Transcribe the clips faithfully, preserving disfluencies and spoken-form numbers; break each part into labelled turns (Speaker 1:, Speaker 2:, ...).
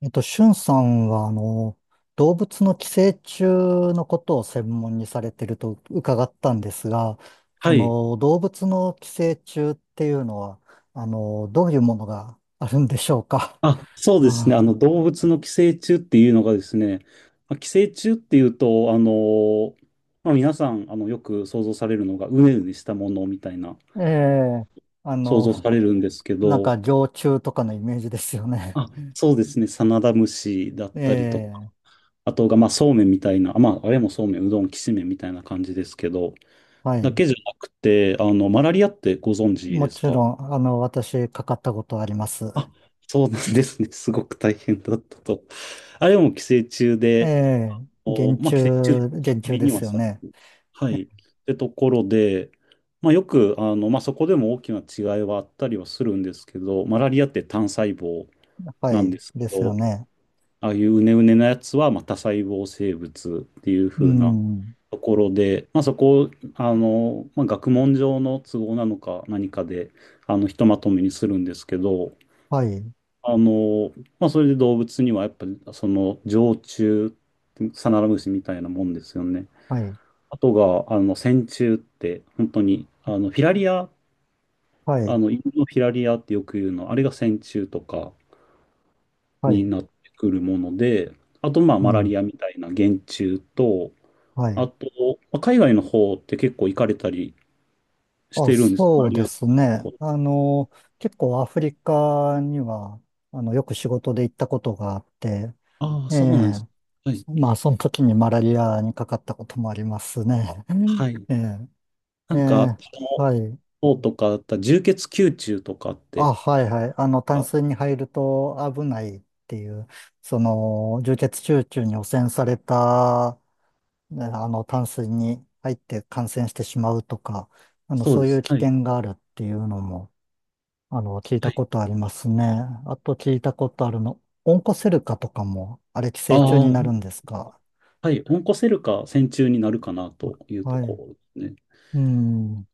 Speaker 1: えっと、しゅんさんは、あの、動物の寄生虫のことを専門にされてると伺ったんですが、そ
Speaker 2: はい。
Speaker 1: の動物の寄生虫っていうのは、あの、どういうものがあるんでしょうか。
Speaker 2: あ、そうですね。あの、動物の寄生虫っていうのがですね、まあ寄生虫っていうと、あの、まあ、皆さん、あの、よく想像されるのが、うねうねしたものみたいな、
Speaker 1: うん、ええ、あ
Speaker 2: 想
Speaker 1: の、
Speaker 2: 像されるんですけ
Speaker 1: なん
Speaker 2: ど、
Speaker 1: か常虫とかのイメージですよね。
Speaker 2: あ、そうですね。サナダムシだったりとか、
Speaker 1: ええ、
Speaker 2: あとが、まあ、そうめんみたいな、まあ、あれもそうめん、うどん、きしめんみたいな感じですけど、
Speaker 1: は
Speaker 2: だ
Speaker 1: い。
Speaker 2: けじゃなくて、あの、マラリアってご存知
Speaker 1: も
Speaker 2: です
Speaker 1: ちろ
Speaker 2: か？
Speaker 1: ん、あの、私、かかったことあります。
Speaker 2: あ、そうなんですね。すごく大変だったと。あれも寄生虫
Speaker 1: え
Speaker 2: で、
Speaker 1: え、
Speaker 2: お、
Speaker 1: 原
Speaker 2: まあ、
Speaker 1: 虫、
Speaker 2: 寄生虫って
Speaker 1: 原虫
Speaker 2: 隔
Speaker 1: で
Speaker 2: には
Speaker 1: すよ
Speaker 2: され
Speaker 1: ね。
Speaker 2: る。はい。ってところで、まあ、よく、あの、まあ、そこでも大きな違いはあったりはするんですけど、マラリアって単細胞
Speaker 1: は
Speaker 2: なん
Speaker 1: い、
Speaker 2: です
Speaker 1: で
Speaker 2: け
Speaker 1: すよ
Speaker 2: ど、
Speaker 1: ね。
Speaker 2: ああいううねうねなやつは、まあ、多細胞生物っていう
Speaker 1: う
Speaker 2: 風な
Speaker 1: ん。
Speaker 2: ところで、まあ、そこ、あの、まあ、学問上の都合なのか何かで、あの、ひとまとめにするんですけど、
Speaker 1: はい、
Speaker 2: あの、まあ、それで動物にはやっぱり、その、常虫、サナラムシみたいなもんですよね。
Speaker 1: はい、
Speaker 2: あとが、あの、線虫って、本当に、あの、フィラリア、
Speaker 1: は
Speaker 2: あ
Speaker 1: い、
Speaker 2: の、犬のフィラリアってよく言うの、あれが線虫とか
Speaker 1: は
Speaker 2: に
Speaker 1: い、
Speaker 2: なってくるもので、あと、まあ、
Speaker 1: う
Speaker 2: マラ
Speaker 1: ん、
Speaker 2: リアみたいな原虫と、
Speaker 1: は
Speaker 2: あ
Speaker 1: い。
Speaker 2: と、まあ海外の方って結構行かれたりし
Speaker 1: あ、
Speaker 2: てるんです。マ
Speaker 1: そ
Speaker 2: ラ
Speaker 1: う
Speaker 2: リ
Speaker 1: で
Speaker 2: ア。
Speaker 1: すね。あの、結構アフリカには、あの、よく仕事で行ったことがあって、
Speaker 2: ああ、
Speaker 1: え
Speaker 2: そうなんです。
Speaker 1: え、
Speaker 2: はい。
Speaker 1: まあ、その時にマラリアにかかったこともありますね。うん
Speaker 2: はい。
Speaker 1: ええ、
Speaker 2: な
Speaker 1: え
Speaker 2: んか、あ
Speaker 1: え、
Speaker 2: の
Speaker 1: はい。
Speaker 2: 方とかだったら、充血球虫とかって、
Speaker 1: あ、はい、はい。あの、淡
Speaker 2: あ、
Speaker 1: 水に入ると危ないっていう、その、充血集中に汚染されたね、あの、淡水に入って感染してしまうとか、あの、
Speaker 2: そう
Speaker 1: そう
Speaker 2: で
Speaker 1: い
Speaker 2: す。
Speaker 1: う危
Speaker 2: はい。
Speaker 1: 険があるっていうのも、あの、聞い
Speaker 2: は
Speaker 1: た
Speaker 2: い。
Speaker 1: ことありますね。あと聞いたことあるの、オンコセルカとかも、あれ寄
Speaker 2: あ
Speaker 1: 生虫になるん
Speaker 2: あ、
Speaker 1: ですか？
Speaker 2: はい、オンコセルカ線虫になるかなというと
Speaker 1: は
Speaker 2: こ
Speaker 1: い。
Speaker 2: ろですね。
Speaker 1: うん。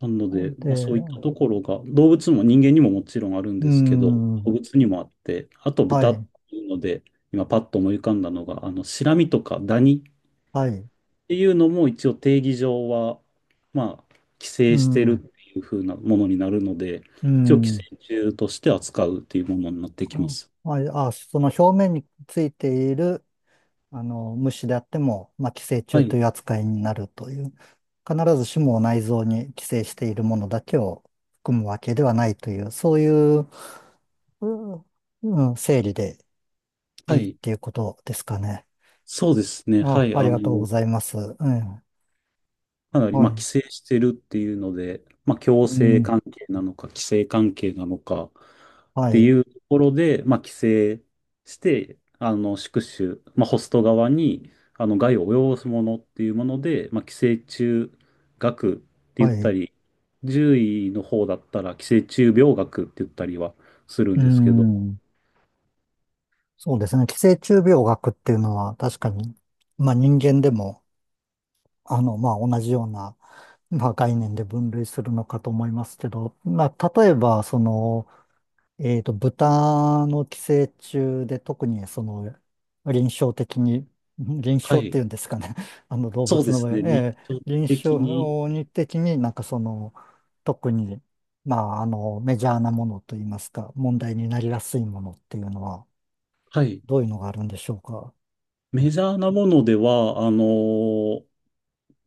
Speaker 2: なので、まあ、そういった
Speaker 1: で、
Speaker 2: ところが、動物も人間にももちろんあるん
Speaker 1: う
Speaker 2: ですけど、動
Speaker 1: ん。
Speaker 2: 物にもあって、あと
Speaker 1: は
Speaker 2: 豚っ
Speaker 1: い。
Speaker 2: ていうので、今パッと思い浮かんだのが、あの、シラミとかダニっ
Speaker 1: はい。
Speaker 2: ていうのも一応定義上は、まあ、寄
Speaker 1: う
Speaker 2: 生してるっ
Speaker 1: ん。
Speaker 2: ていう風なものになるので、
Speaker 1: う
Speaker 2: 一応寄生
Speaker 1: ん。
Speaker 2: 虫として扱うっていうものになってきます。
Speaker 1: はい。あ、その表面についている、あの、虫であっても、まあ、寄生
Speaker 2: は
Speaker 1: 虫と
Speaker 2: い、
Speaker 1: いう扱いになるという、必ずしも内臓に寄生しているものだけを含むわけではないという、そういう、うん、うん、整理で
Speaker 2: は
Speaker 1: いいっ
Speaker 2: い、
Speaker 1: ていうことですかね。
Speaker 2: そうですね、は
Speaker 1: あ、
Speaker 2: い、あ
Speaker 1: ありがとうご
Speaker 2: の、
Speaker 1: ざいます。うん、
Speaker 2: かなり、
Speaker 1: は
Speaker 2: まあ、規
Speaker 1: い。
Speaker 2: 制してるっていうので、まあ、強
Speaker 1: う
Speaker 2: 制
Speaker 1: ん、
Speaker 2: 関係なのか、規制関係なのかっ
Speaker 1: は
Speaker 2: てい
Speaker 1: い、
Speaker 2: うところで、まあ、規制して、あの、宿主、まあ、ホスト側に、あの、害を及ぼすものっていうもので、まあ、寄生虫学って言っ
Speaker 1: は
Speaker 2: た
Speaker 1: い。
Speaker 2: り、獣医の方だったら寄生虫病学って言ったりはするん
Speaker 1: う
Speaker 2: ですけど、
Speaker 1: ん、そうですね。寄生虫病学っていうのは確かに、まあ人間でも、あの、まあ同じような、まあ、概念で分類するのかと思いますけど、まあ、例えば、その、えっと、豚の寄生虫で特に、その、臨床的に、ん臨
Speaker 2: は
Speaker 1: 床って
Speaker 2: い。
Speaker 1: いうんですかね、あの動
Speaker 2: そう
Speaker 1: 物
Speaker 2: で
Speaker 1: の
Speaker 2: す
Speaker 1: 場合、
Speaker 2: ね。日
Speaker 1: えー
Speaker 2: 常
Speaker 1: 臨
Speaker 2: 的に、
Speaker 1: 床に的になんかその、特に、まあ、あの、メジャーなものといいますか、問題になりやすいものっていうのは、
Speaker 2: はい。
Speaker 1: どういうのがあるんでしょうか。
Speaker 2: メ
Speaker 1: ね、
Speaker 2: ジャーなものでは、あの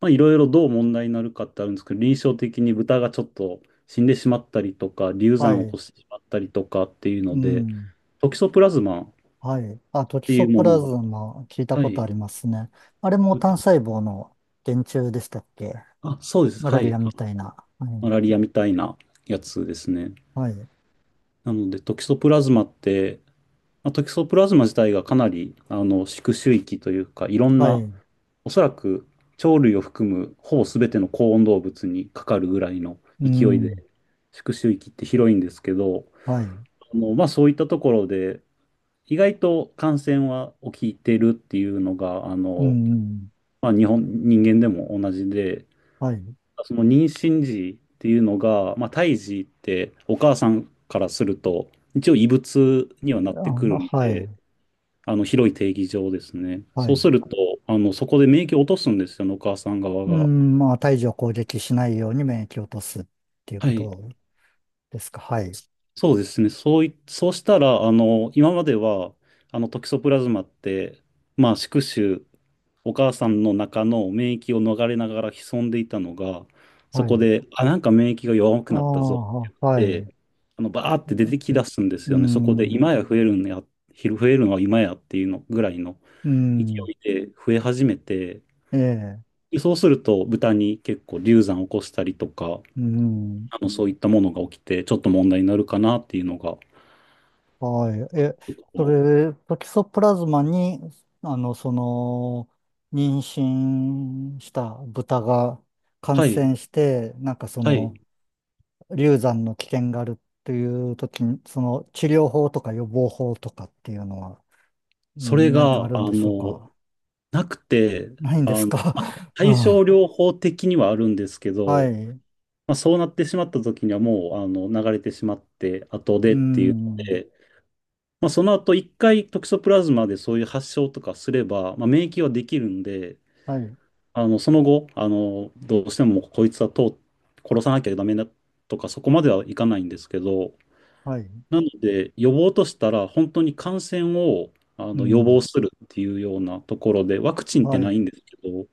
Speaker 2: まあ、いろいろどう問題になるかってあるんですけど、臨床的に豚がちょっと死んでしまったりとか、流
Speaker 1: は
Speaker 2: 産を起
Speaker 1: い。
Speaker 2: こしてしまったりとかっていう
Speaker 1: う
Speaker 2: ので、
Speaker 1: ん。
Speaker 2: トキソプラズマっ
Speaker 1: はい。あ、トキ
Speaker 2: てい
Speaker 1: ソ
Speaker 2: う
Speaker 1: プ
Speaker 2: もの
Speaker 1: ラズ
Speaker 2: が、
Speaker 1: マ聞いた
Speaker 2: は
Speaker 1: こと
Speaker 2: い、
Speaker 1: ありますね。あれも単細胞の原虫でしたっけ？
Speaker 2: あ、そうです、
Speaker 1: マ
Speaker 2: は
Speaker 1: ラリ
Speaker 2: い、
Speaker 1: ア
Speaker 2: あ、
Speaker 1: みたいな。は
Speaker 2: マ
Speaker 1: い。
Speaker 2: ラリアみたいなやつですね。
Speaker 1: はい。
Speaker 2: なので、トキソプラズマって、まあ、トキソプラズマ自体がかなりあの宿主域というか、いろん
Speaker 1: は
Speaker 2: な、
Speaker 1: い。
Speaker 2: おそらく鳥類を含むほぼ全ての高温動物にかかるぐらいの
Speaker 1: う
Speaker 2: 勢い
Speaker 1: ん。
Speaker 2: で、宿主域って広いんですけど、
Speaker 1: はい。
Speaker 2: あの、まあ、そういったところで、意外と感染は起きてるっていうのが、あ
Speaker 1: う
Speaker 2: の、
Speaker 1: ん。
Speaker 2: まあ、日本、人間でも同じで、
Speaker 1: はい。
Speaker 2: その妊娠時っていうのが、まあ、胎児ってお母さんからすると、一応異物にはなっ
Speaker 1: あ、
Speaker 2: てくるの
Speaker 1: はい。
Speaker 2: で、あの、広い定義上ですね。
Speaker 1: は
Speaker 2: そう
Speaker 1: い。
Speaker 2: すると、あの、そこで免疫を落とすんですよね、お母さん側
Speaker 1: う
Speaker 2: が。
Speaker 1: ん。まあ、胎児を攻撃しないように免疫を落とすっていう
Speaker 2: は
Speaker 1: こ
Speaker 2: い。
Speaker 1: とですか。はい。
Speaker 2: そうですね。そうい、そうしたら、あの、今までは、あの、トキソプラズマって、まあ、宿主お母さんの中の免疫を逃れながら潜んでいたのが、そ
Speaker 1: は
Speaker 2: こ
Speaker 1: い。
Speaker 2: で、あ、なんか免疫が弱
Speaker 1: あ
Speaker 2: くなったぞって
Speaker 1: あ、は
Speaker 2: 言っ
Speaker 1: い。
Speaker 2: て、あの、バーっ
Speaker 1: う
Speaker 2: て出て
Speaker 1: ん。
Speaker 2: きだすんで
Speaker 1: う
Speaker 2: すよね。そこで、
Speaker 1: ん。
Speaker 2: 今や増えるんや、昼増えるのは今やっていうのぐらいの
Speaker 1: う
Speaker 2: 勢
Speaker 1: ん、
Speaker 2: いで増え始めて、
Speaker 1: ええ。
Speaker 2: でそうすると、豚に結構流産を起こしたりとか、
Speaker 1: うん。
Speaker 2: あの、そういったものが起きて、ちょっと問題になるかなっていうのが、ち
Speaker 1: はい。え、
Speaker 2: ょっと
Speaker 1: そ
Speaker 2: こう、
Speaker 1: れ、トキソプラズマに、あの、その、妊娠した豚が感
Speaker 2: はい、
Speaker 1: 染して、なんかそ
Speaker 2: はい。
Speaker 1: の、流産の危険があるっていう時に、その、治療法とか予防法とかっていうのは、
Speaker 2: それ
Speaker 1: ん何かあ
Speaker 2: が、
Speaker 1: るん
Speaker 2: あ
Speaker 1: でしょう
Speaker 2: の、
Speaker 1: か？
Speaker 2: なくて、
Speaker 1: ないんで
Speaker 2: あ
Speaker 1: す
Speaker 2: の
Speaker 1: か？ う
Speaker 2: 対症
Speaker 1: ん、
Speaker 2: 療法的にはあるんですけ
Speaker 1: は
Speaker 2: ど、
Speaker 1: い。
Speaker 2: まあ、そうなってしまった時にはもうあの流れてしまって後
Speaker 1: う
Speaker 2: でっていうの
Speaker 1: ん。
Speaker 2: で、まあ、その後一回トキソプラズマでそういう発症とかすれば、まあ、免疫はできるんで、
Speaker 1: はい。
Speaker 2: あのその後あのどうしてもこいつはと殺さなきゃダメだとかそこまではいかないんですけど、
Speaker 1: はい。
Speaker 2: なので予防としたら本当に感染をあ
Speaker 1: う
Speaker 2: の予
Speaker 1: ん。
Speaker 2: 防するっていうようなところで、ワクチンって
Speaker 1: は
Speaker 2: ないん
Speaker 1: い。
Speaker 2: ですけど、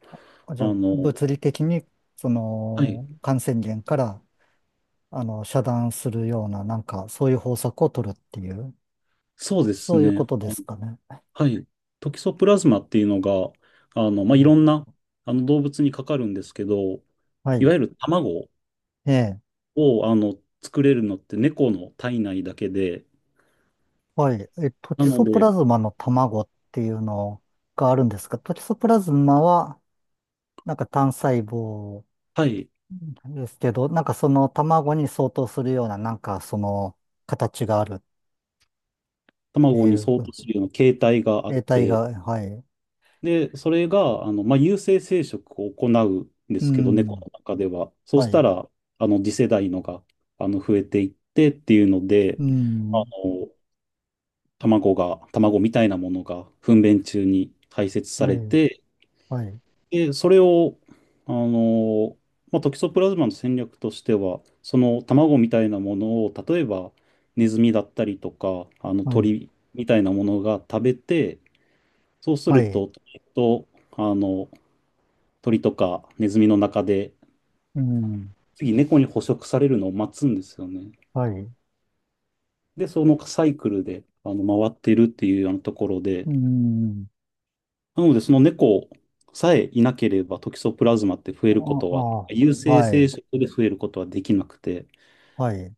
Speaker 1: あ、じゃ
Speaker 2: あ
Speaker 1: あ、
Speaker 2: の、
Speaker 1: 物理的に、そ
Speaker 2: はい、
Speaker 1: の、感染源から、あの、遮断するような、なんか、そういう方策を取るっていう、
Speaker 2: そうです
Speaker 1: そういうこ
Speaker 2: ね。
Speaker 1: とですかね。
Speaker 2: はい。トキソプラズマっていうのが、あの、ま
Speaker 1: う
Speaker 2: あ、いろ
Speaker 1: ん、
Speaker 2: んな、あの、動物にかかるんですけど、
Speaker 1: は
Speaker 2: いわ
Speaker 1: い。
Speaker 2: ゆる卵
Speaker 1: ええ。
Speaker 2: を、あの、作れるのって猫の体内だけで、
Speaker 1: はい。え、トキ
Speaker 2: なの
Speaker 1: ソプラ
Speaker 2: で、
Speaker 1: ズマの卵っていうのがあるんですが、トキソプラズマは、なんか単細胞
Speaker 2: はい、
Speaker 1: ですけど、なんかその卵に相当するような、なんかその形があるって
Speaker 2: 卵
Speaker 1: い
Speaker 2: に
Speaker 1: う、
Speaker 2: 相当するような形態があっ
Speaker 1: 形態が、
Speaker 2: て、
Speaker 1: はい。
Speaker 2: で、それが、あの、まあ、有性生殖を行うんで
Speaker 1: う
Speaker 2: すけど、猫
Speaker 1: ん。
Speaker 2: の中では。そう
Speaker 1: は
Speaker 2: した
Speaker 1: い。
Speaker 2: ら、あの、次世代のが、あの、増えていってっていうので、
Speaker 1: う
Speaker 2: あ
Speaker 1: ん。
Speaker 2: の、卵が、卵みたいなものが糞便中に排泄さ
Speaker 1: は
Speaker 2: れ
Speaker 1: い。
Speaker 2: て、
Speaker 1: はい。
Speaker 2: で、それを、あの、まあ、トキソプラズマの戦略としては、その卵みたいなものを、例えばネズミだったりとか、あの
Speaker 1: はい。
Speaker 2: 鳥みたいなものが食べて、そうす
Speaker 1: は
Speaker 2: る
Speaker 1: い。
Speaker 2: と、えっと、あの、鳥とかネズミの中で、
Speaker 1: うん。
Speaker 2: 次猫に捕食されるのを待つんですよね。
Speaker 1: はい。
Speaker 2: で、そのサイクルで、あの、回ってるっていうようなところで、
Speaker 1: うん。
Speaker 2: なので、その猫さえいなければ、トキソプラズマって増
Speaker 1: あ
Speaker 2: えることは、
Speaker 1: あ、
Speaker 2: 有性
Speaker 1: は
Speaker 2: 生
Speaker 1: い、
Speaker 2: 殖で増えることはできなくて、
Speaker 1: はい。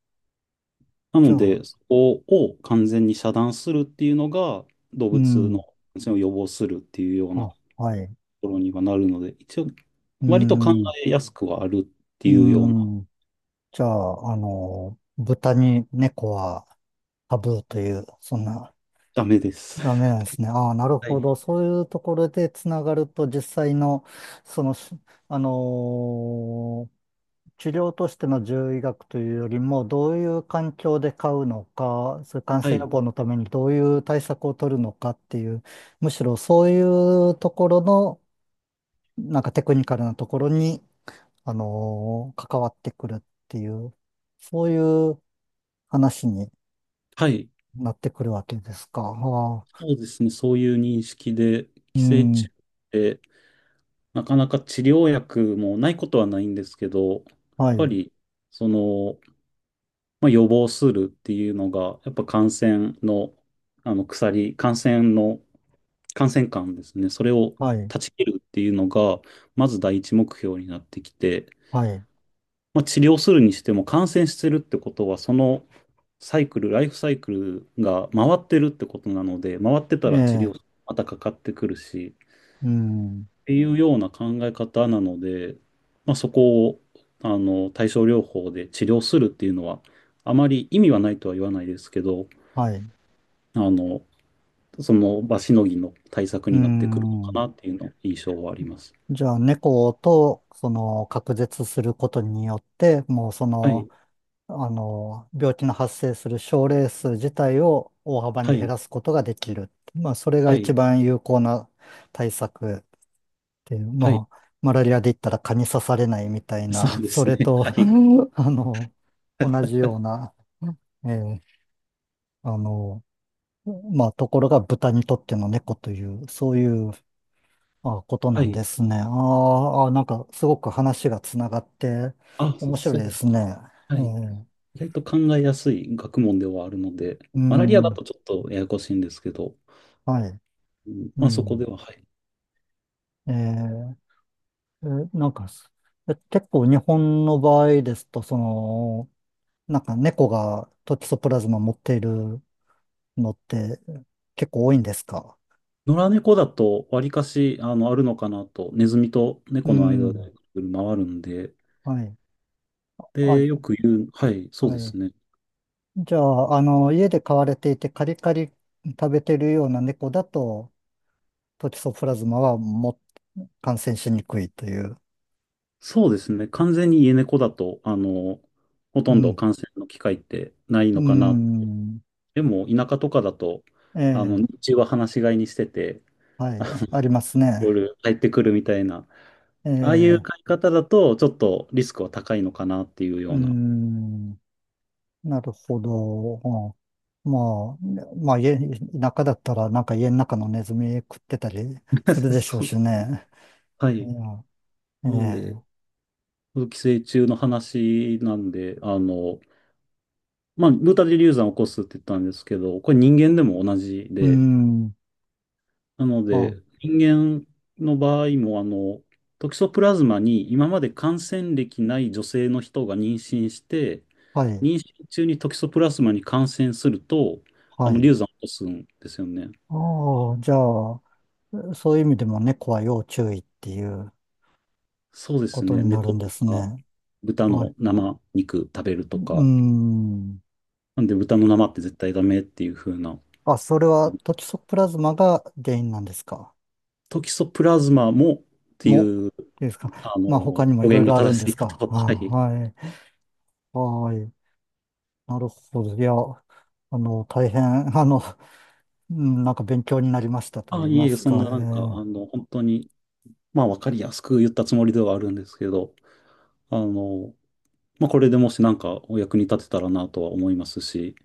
Speaker 2: な
Speaker 1: じゃ
Speaker 2: の
Speaker 1: あ、
Speaker 2: で、そこを完全に遮断するっていうのが、動
Speaker 1: う
Speaker 2: 物の
Speaker 1: ん、
Speaker 2: 感染を予防するっていうようなと
Speaker 1: は、はい。
Speaker 2: ころにはなるので、一応、
Speaker 1: う
Speaker 2: 割と考
Speaker 1: ん、
Speaker 2: えやすくはあるって
Speaker 1: う
Speaker 2: いうような、
Speaker 1: ん。じゃあ、あの、豚に猫はタブーという、そんな、
Speaker 2: ダメです。
Speaker 1: ダメなん ですね。ああ、なるほど。そういうところでつながると、実際の、その、しあのー治療としての獣医学というよりも、どういう環境で飼うのか、それ感
Speaker 2: は
Speaker 1: 染予
Speaker 2: い。
Speaker 1: 防のためにどういう対策を取るのかっていう、むしろそういうところの、なんかテクニカルなところに、あのー関わってくるっていう、そういう話に
Speaker 2: はい。
Speaker 1: なってくるわけですか。はあ、
Speaker 2: そうですね。そういう認識で、
Speaker 1: う
Speaker 2: 寄生虫
Speaker 1: ん、
Speaker 2: ってなかなか治療薬もないことはないんですけど、やっ
Speaker 1: は
Speaker 2: ぱ
Speaker 1: い、
Speaker 2: り、その、まあ、予防するっていうのが、やっぱ感染の、あの鎖、感染の、感染感ですね。それを
Speaker 1: はい、
Speaker 2: 断ち切るっていうのが、まず第一目標になってきて、
Speaker 1: はい、
Speaker 2: まあ、治療するにしても感染してるってことは、そのサイクル、ライフサイクルが回ってるってことなので、回ってた
Speaker 1: え
Speaker 2: ら治療、
Speaker 1: え、
Speaker 2: またかかってくるし、
Speaker 1: うん、
Speaker 2: っていうような考え方なので、まあ、そこを、あの、対症療法で治療するっていうのは、あまり意味はないとは言わないですけど、
Speaker 1: はい、
Speaker 2: あの、その場しのぎの対策
Speaker 1: う
Speaker 2: になってくるのか
Speaker 1: ん。
Speaker 2: なっていうの印象はあります。
Speaker 1: じゃあ、猫と、その、隔絶することによって、もうそ
Speaker 2: は
Speaker 1: の、
Speaker 2: い、
Speaker 1: あの、病気の発生する症例数自体を大幅
Speaker 2: は
Speaker 1: に減
Speaker 2: い、
Speaker 1: らすことができる。まあ、それが
Speaker 2: は
Speaker 1: 一
Speaker 2: い、
Speaker 1: 番有効な対策で、
Speaker 2: はい、
Speaker 1: まあ、マラリアで言ったら蚊に刺されないみたい
Speaker 2: そ
Speaker 1: な、
Speaker 2: う で
Speaker 1: そ
Speaker 2: す
Speaker 1: れ
Speaker 2: ね。は
Speaker 1: と、う
Speaker 2: い、
Speaker 1: ん、あの、同じような、えーあの、まあ、ところが豚にとっての猫という、そういうあこと
Speaker 2: は
Speaker 1: なん
Speaker 2: い。
Speaker 1: ですね。あー、あー、なんかすごく話がつながって
Speaker 2: あ、
Speaker 1: 面白い
Speaker 2: そ
Speaker 1: で
Speaker 2: うだ。
Speaker 1: すね。え
Speaker 2: はい。
Speaker 1: ー
Speaker 2: 意外と考えやすい学問ではあるので、
Speaker 1: う
Speaker 2: マラリアだ
Speaker 1: ん、
Speaker 2: とちょっとややこしいんですけど、
Speaker 1: はい。
Speaker 2: うん、
Speaker 1: う
Speaker 2: まあそこで
Speaker 1: ん、
Speaker 2: は、はい。
Speaker 1: えーえーなんか、え結構日本の場合ですと、その、なんか猫がトキソプラズマ持っているのって結構多いんですか？
Speaker 2: 野良猫だと、わりかし、あの、あるのかなと、ネズミと
Speaker 1: う
Speaker 2: 猫の間
Speaker 1: ん。
Speaker 2: で回るんで、
Speaker 1: はい。あ、
Speaker 2: で、よく言う、はい、そう
Speaker 1: は
Speaker 2: で
Speaker 1: い。
Speaker 2: すね。
Speaker 1: じゃあ、あの、家で飼われていてカリカリ食べてるような猫だと、トキソプラズマはも感染しにくいという。
Speaker 2: そうですね。完全に家猫だと、あの、ほ
Speaker 1: う
Speaker 2: とんど
Speaker 1: ん。
Speaker 2: 感染の機会ってない
Speaker 1: う
Speaker 2: のかな。
Speaker 1: ん。
Speaker 2: でも、田舎とかだと、
Speaker 1: え
Speaker 2: あの、
Speaker 1: え。
Speaker 2: 日中は放し飼いにしてて、
Speaker 1: は
Speaker 2: あの
Speaker 1: い。ありますね。
Speaker 2: 夜帰ってくるみたいな、
Speaker 1: え
Speaker 2: ああいう飼い
Speaker 1: え。
Speaker 2: 方だと、ちょっとリスクは高いのかなっていうよ
Speaker 1: う
Speaker 2: うな。
Speaker 1: ん。なるほど。うん、まあ、ね、まあ、家、田舎だったら、なんか家の中のネズミ食ってたりする でしょう
Speaker 2: そ
Speaker 1: し
Speaker 2: う。
Speaker 1: ね。
Speaker 2: は
Speaker 1: い
Speaker 2: い。
Speaker 1: や、
Speaker 2: なんで、
Speaker 1: ええ。
Speaker 2: 寄生虫の話なんで、あの、まあ、ブータ・デリューザンを起こすって言ったんですけど、これ人間でも同じ
Speaker 1: うー
Speaker 2: で、
Speaker 1: ん。
Speaker 2: なの
Speaker 1: あ、
Speaker 2: で、人間の場合も、あの、トキソプラズマに今まで感染歴ない女性の人が妊娠して、
Speaker 1: はい、
Speaker 2: 妊娠中にトキソプラズマに感染すると、あ
Speaker 1: は
Speaker 2: の、
Speaker 1: い。
Speaker 2: 流産を起こすんですよね。
Speaker 1: ああ、じゃあ、そういう意味でも猫は要注意っていう
Speaker 2: そうで
Speaker 1: こ
Speaker 2: す
Speaker 1: と
Speaker 2: ね。
Speaker 1: になる
Speaker 2: 猫
Speaker 1: んで
Speaker 2: と
Speaker 1: す
Speaker 2: か、
Speaker 1: ね。
Speaker 2: 豚
Speaker 1: はい。
Speaker 2: の生肉食べる
Speaker 1: う
Speaker 2: と
Speaker 1: ー
Speaker 2: か。
Speaker 1: ん。
Speaker 2: なんで、豚の生って絶対ダメっていう風な。
Speaker 1: あ、それはトキソプラズマが原因なんですか？
Speaker 2: トキソプラズマもってい
Speaker 1: も、
Speaker 2: う、
Speaker 1: いいですか。
Speaker 2: あの、
Speaker 1: まあ、他にもい
Speaker 2: 表
Speaker 1: ろい
Speaker 2: 現が
Speaker 1: ろある
Speaker 2: 正
Speaker 1: んで
Speaker 2: しい
Speaker 1: す
Speaker 2: か
Speaker 1: か。
Speaker 2: と。
Speaker 1: あ、
Speaker 2: はい。
Speaker 1: はい。はい。なるほど。いや、あの、大変、あの、うん、なんか勉強になりましたと
Speaker 2: あ、
Speaker 1: 言い
Speaker 2: いえ
Speaker 1: ま
Speaker 2: いえ、
Speaker 1: す
Speaker 2: そん
Speaker 1: か。え
Speaker 2: ななんか、
Speaker 1: ー
Speaker 2: あの、本当に、まあ、わかりやすく言ったつもりではあるんですけど、あの、まあ、これでもしなんかお役に立てたらなとは思いますし、